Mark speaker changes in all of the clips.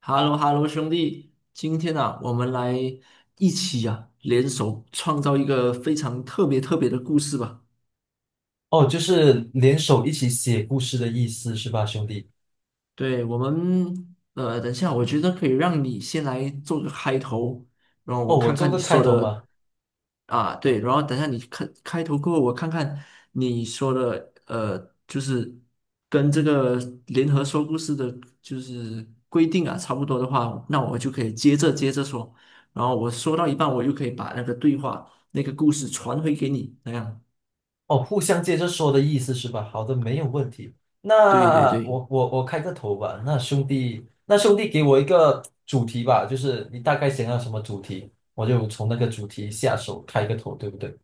Speaker 1: h e l l o h e l l o 兄弟，今天啊，我们来一起啊，联手创造一个非常特别特别的故事吧。
Speaker 2: 哦，就是联手一起写故事的意思是吧，兄弟？
Speaker 1: 对，我们，等一下，我觉得可以让你先来做个开头，然后我
Speaker 2: 哦，我
Speaker 1: 看看
Speaker 2: 做
Speaker 1: 你
Speaker 2: 个开
Speaker 1: 说
Speaker 2: 头
Speaker 1: 的
Speaker 2: 嘛。
Speaker 1: 啊，对，然后等一下你看开头过后，我看看你说的，就是跟这个联合说故事的，就是规定啊，差不多的话，那我就可以接着说，然后我说到一半，我又可以把那个对话那个故事传回给你，那样。
Speaker 2: 哦，互相接着说的意思是吧？好的，没有问题。
Speaker 1: 对对
Speaker 2: 那
Speaker 1: 对。
Speaker 2: 我开个头吧。那兄弟，那兄弟给我一个主题吧，就是你大概想要什么主题，我就从那个主题下手开个头，对不对？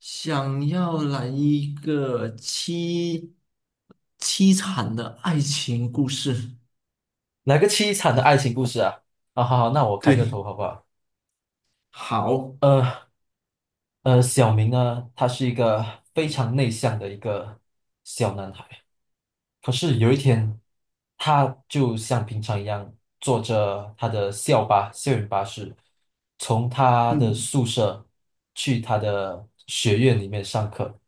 Speaker 1: 想要来一个凄惨的爱情故事。
Speaker 2: 来个凄惨的爱情故事啊！啊，好好，那我开个
Speaker 1: 对，
Speaker 2: 头好不好？
Speaker 1: 好，
Speaker 2: 呃小明呢，他是一个非常内向的一个小男孩。可是有一天，他就像平常一样坐着他的校巴、校园巴士，从他的
Speaker 1: 嗯，
Speaker 2: 宿舍去他的学院里面上课。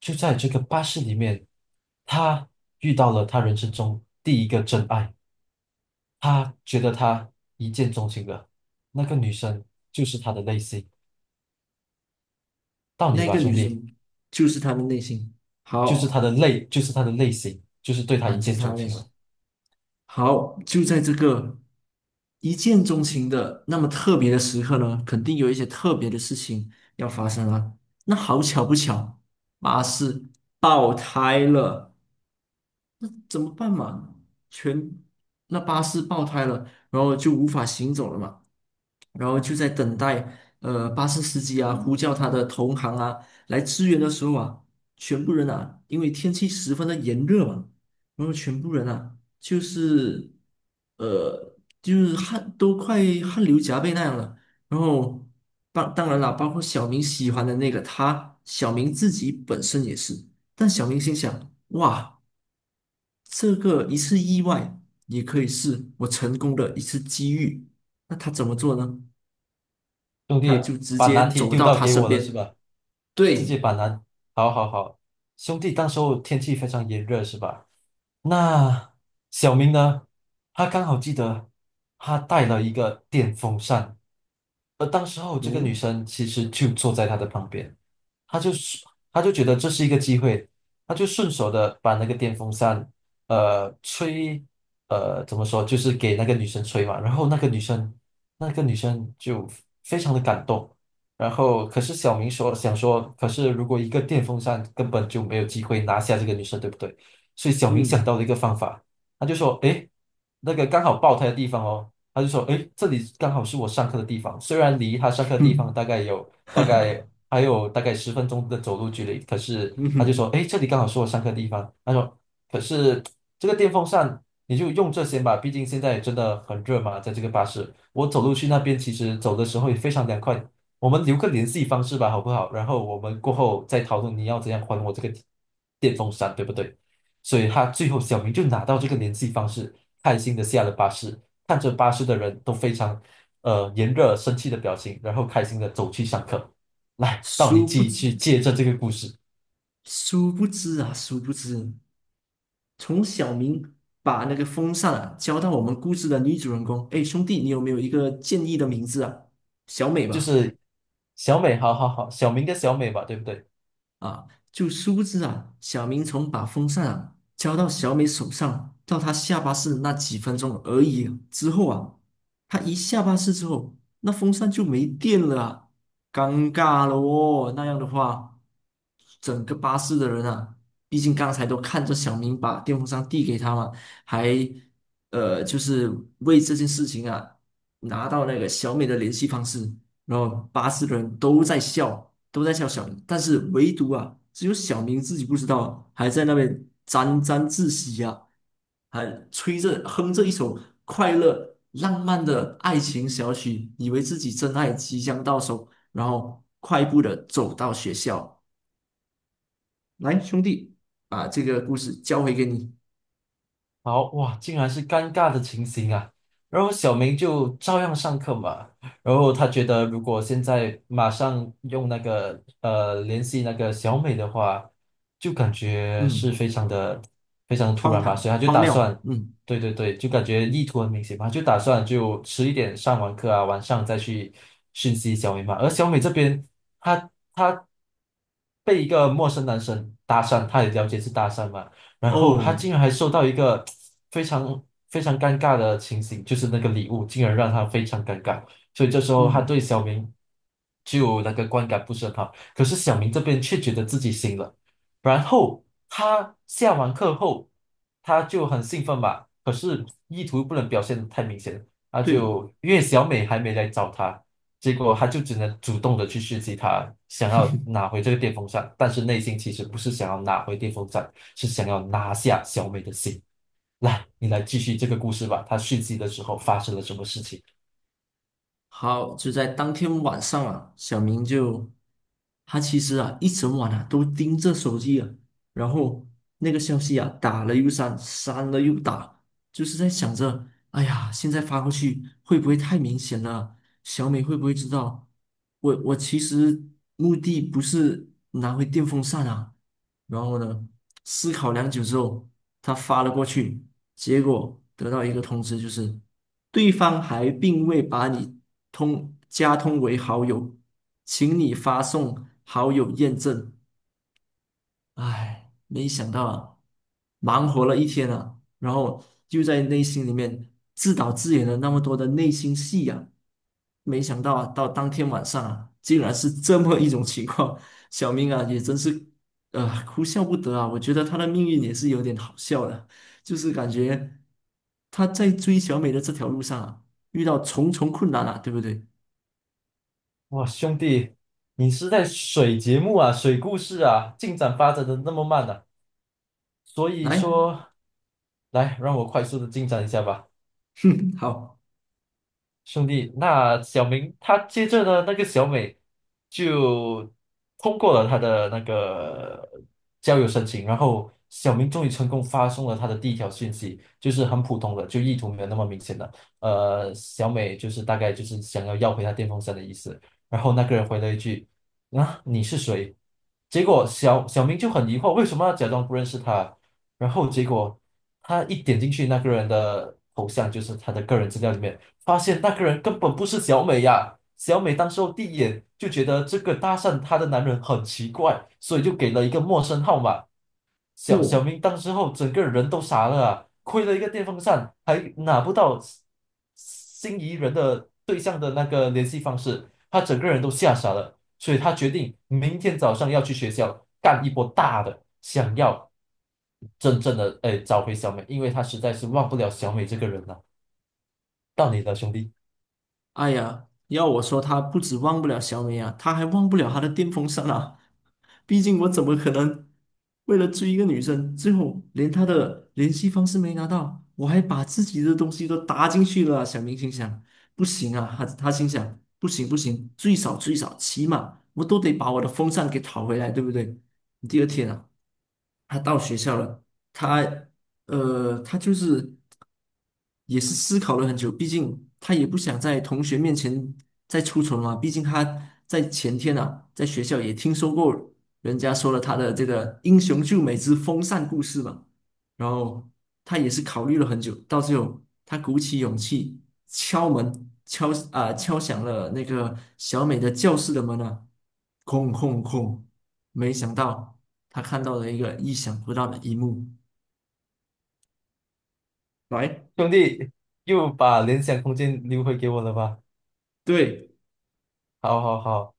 Speaker 2: 就在这个巴士里面，他遇到了他人生中第一个真爱，他觉得他一见钟情了。那个女生就是他的类型，到你
Speaker 1: 那
Speaker 2: 吧，
Speaker 1: 个
Speaker 2: 兄
Speaker 1: 女
Speaker 2: 弟，
Speaker 1: 生就是他的内心。
Speaker 2: 就是他
Speaker 1: 好
Speaker 2: 的类，就是他的类型，就是对他
Speaker 1: 啊，
Speaker 2: 一
Speaker 1: 就是
Speaker 2: 见
Speaker 1: 他
Speaker 2: 钟
Speaker 1: 的内
Speaker 2: 情
Speaker 1: 心。
Speaker 2: 了。
Speaker 1: 好，就在这个一见钟情的那么特别的时刻呢，肯定有一些特别的事情要发生了。那好巧不巧，巴士爆胎了。那怎么办嘛？全那巴士爆胎了，然后就无法行走了嘛，然后就在等待巴士司机啊呼叫他的同行啊来支援的时候啊，全部人啊，因为天气十分的炎热嘛，然后全部人啊就是呃就是汗都快汗流浃背那样了，然后当然了，包括小明喜欢的那个他，小明自己本身也是，但小明心想哇。这个一次意外，也可以是我成功的一次机遇。那他怎么做呢？
Speaker 2: 兄
Speaker 1: 他
Speaker 2: 弟
Speaker 1: 就直
Speaker 2: 把
Speaker 1: 接
Speaker 2: 难题
Speaker 1: 走
Speaker 2: 丢
Speaker 1: 到
Speaker 2: 到
Speaker 1: 他
Speaker 2: 给
Speaker 1: 身
Speaker 2: 我了是
Speaker 1: 边，
Speaker 2: 吧？自己
Speaker 1: 对，
Speaker 2: 把难，好好好，兄弟，当时候天气非常炎热是吧？那小明呢？他刚好记得他带了一个电风扇，而当时候这个女
Speaker 1: 嗯
Speaker 2: 生其实就坐在他的旁边，他就是他就觉得这是一个机会，他就顺手的把那个电风扇，呃，吹，怎么说，就是给那个女生吹嘛。然后那个女生，那个女生就非常的感动。然后可是小明说想说，可是如果一个电风扇根本就没有机会拿下这个女生，对不对？所以小明想
Speaker 1: 嗯
Speaker 2: 到了一个方法，他就说，诶，那个刚好爆胎的地方哦。他就说，诶，这里刚好是我上课的地方，虽然离他上课的地方
Speaker 1: 哼，
Speaker 2: 大概有 大
Speaker 1: 哈
Speaker 2: 概
Speaker 1: 哈，
Speaker 2: 还有大概10分钟的走路距离，可是
Speaker 1: 嗯
Speaker 2: 他就
Speaker 1: 哼，
Speaker 2: 说，诶，这里刚好是我上课的地方。他说，可是这个电风扇你就用这些吧，毕竟现在真的很热嘛，在这个巴士，我走路去那边其实走的时候也非常凉快。我们留个联系方式吧，好不好？然后我们过后再讨论你要怎样还我这个电风扇，对不对？所以他最后小明就拿到这个联系方式，开心的下了巴士。看着巴士的人都非常炎热生气的表情，然后开心的走去上课。来，到你
Speaker 1: 殊不
Speaker 2: 继去
Speaker 1: 知，
Speaker 2: 借着这个故事，
Speaker 1: 殊不知啊，殊不知，从小明把那个风扇啊交到我们故事的女主人公，哎，兄弟，你有没有一个建议的名字啊？小美
Speaker 2: 就
Speaker 1: 吧。
Speaker 2: 是小美，好好好，小明跟小美吧，对不对？
Speaker 1: 啊，就殊不知啊，小明从把风扇啊交到小美手上，到她下巴式那几分钟而已啊之后啊，她一下巴士之后，那风扇就没电了啊，尴尬了哦。那样的话，整个巴士的人啊，毕竟刚才都看着小明把电风扇递给他嘛，还就是为这件事情啊，拿到那个小美的联系方式，然后巴士的人都在笑。都在笑小明，但是唯独啊，只有小明自己不知道，还在那边沾沾自喜啊，还吹着哼着一首快乐浪漫的爱情小曲，以为自己真爱即将到手，然后快步的走到学校。来，兄弟，把这个故事交回给你。
Speaker 2: 好哇，竟然是尴尬的情形啊！然后小明就照样上课嘛。然后他觉得，如果现在马上用那个联系那个小美的话，就感觉是
Speaker 1: 嗯，
Speaker 2: 非常的非常突
Speaker 1: 荒
Speaker 2: 然嘛，
Speaker 1: 唐
Speaker 2: 所以他就
Speaker 1: 荒
Speaker 2: 打
Speaker 1: 谬。
Speaker 2: 算，
Speaker 1: 嗯，
Speaker 2: 对对对，就感觉意图很明显嘛，就打算就迟一点上完课啊，晚上再去讯息小美嘛。而小美这边，她被一个陌生男生搭讪，她也了解是搭讪嘛。然后他
Speaker 1: 哦，
Speaker 2: 竟然还收到一个非常非常尴尬的情形，就是那个礼物竟然让他非常尴尬，所以这时候他对
Speaker 1: 嗯，
Speaker 2: 小明就那个观感不是很好。可是小明这边却觉得自己行了，然后他下完课后，他就很兴奋吧，可是意图不能表现的太明显，他
Speaker 1: 对。
Speaker 2: 就因为小美还没来找他。结果他就只能主动的去试击他，想要拿回这个电风扇，但是内心其实不是想要拿回电风扇，是想要拿下小美的心。来，你来继续这个故事吧。他续集的时候发生了什么事情？
Speaker 1: 好，就在当天晚上啊，小明就他其实啊一整晚啊都盯着手机啊，然后那个消息啊打了又删，删了又打，就是在想着，哎呀，现在发过去会不会太明显了？小美会不会知道？我其实目的不是拿回电风扇啊。然后呢，思考良久之后，他发了过去，结果得到一个通知，就是对方还并未把你通为好友，请你发送好友验证。唉，没想到啊，忙活了一天啊，然后就在内心里面自导自演了那么多的内心戏啊，没想到啊，到当天晚上啊，竟然是这么一种情况，小明啊也真是，哭笑不得啊，我觉得他的命运也是有点好笑的，就是感觉他在追小美的这条路上啊，遇到重重困难啊，对不对？
Speaker 2: 哇，兄弟，你是在水节目啊，水故事啊，进展发展的那么慢呢。所以
Speaker 1: 来，
Speaker 2: 说，来，让我快速的进展一下吧。
Speaker 1: 哼，好，
Speaker 2: 兄弟，那小明他接着呢，那个小美就通过了他的那个交友申请，然后小明终于成功发送了他的第一条讯息，就是很普通的，就意图没有那么明显的。呃，小美就是大概就是想要要回他电风扇的意思。然后那个人回了一句：“啊，你是谁？”结果小明就很疑惑，为什么要假装不认识他？然后结果他一点进去那个人的头像，就是他的个人资料里面。发现那个人根本不是小美呀。小美当时候第一眼就觉得这个搭讪她的男人很奇怪，所以就给了一个陌生号码。小小
Speaker 1: 哦。
Speaker 2: 明当时候整个人都傻了啊，亏了一个电风扇，还拿不到心仪人的对象的那个联系方式，他整个人都吓傻了。所以他决定明天早上要去学校干一波大的，想要真正的哎找回小美，因为他实在是忘不了小美这个人了。到你了，兄弟。
Speaker 1: 哎呀，要我说，他不止忘不了小美啊，他还忘不了他的电风扇啊。毕竟我怎么可能为了追一个女生，最后连她的联系方式没拿到，我还把自己的东西都搭进去了啊小明心想，不行啊，他心想，不行不行，最少最少，起码我都得把我的风扇给讨回来，对不对？第二天啊，他到学校了，他他就是。也是思考了很久，毕竟他也不想在同学面前再出丑嘛。毕竟他在前天啊，在学校也听说过人家说了他的这个英雄救美之风扇故事嘛。然后他也是考虑了很久，到最后他鼓起勇气敲门，敲啊、敲响了那个小美的教室的门啊，空空空，没想到他看到了一个意想不到的一幕，来，
Speaker 2: 兄弟又把联想空间留回给我了吧？
Speaker 1: 对。
Speaker 2: 好，好，好。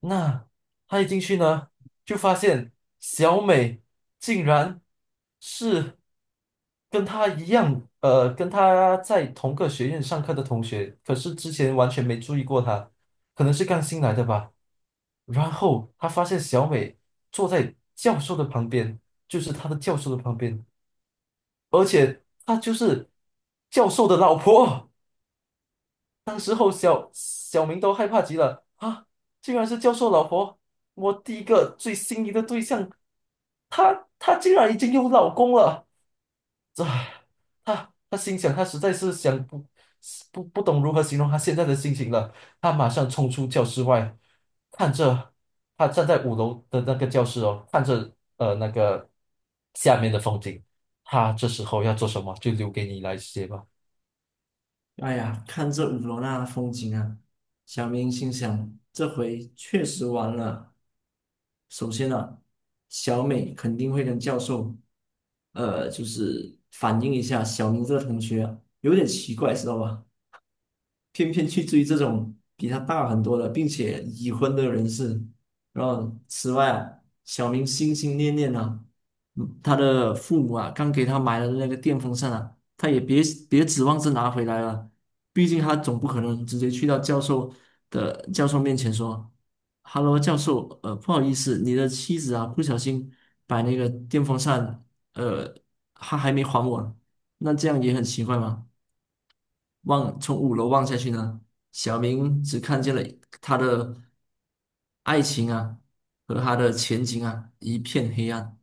Speaker 2: 那他一进去呢，就发现小美竟然是跟他一样，呃，跟他在同个学院上课的同学，可是之前完全没注意过他，可能是刚新来的吧。然后他发现小美坐在教授的旁边，就是他的教授的旁边，而且他就是教授的老婆。小明都害怕极了啊！竟然是教授老婆，我第一个最心仪的对象，她竟然已经有老公了，这，她心想，她实在是想不懂如何形容她现在的心情了。她马上冲出教室外，看着她站在5楼的那个教室哦，看着那个下面的风景。她这时候要做什么，就留给你来写吧。
Speaker 1: 哎呀，看这五罗那的风景啊，小明心想，这回确实完了。首先呢、小美肯定会跟教授，就是反映一下小明这个同学啊有点奇怪，知道吧？偏偏去追这种比他大很多的，并且已婚的人士。然后，此外啊，小明心心念念啊，嗯他的父母啊，刚给他买了那个电风扇啊，他也别指望着拿回来了，毕竟他总不可能直接去到教授面前说哈喽，教授，不好意思，你的妻子啊，不小心把那个电风扇，呃，他还没还我，那这样也很奇怪吗？”望从五楼望下去呢，小明只看见了他的爱情啊和他的前景啊一片黑暗。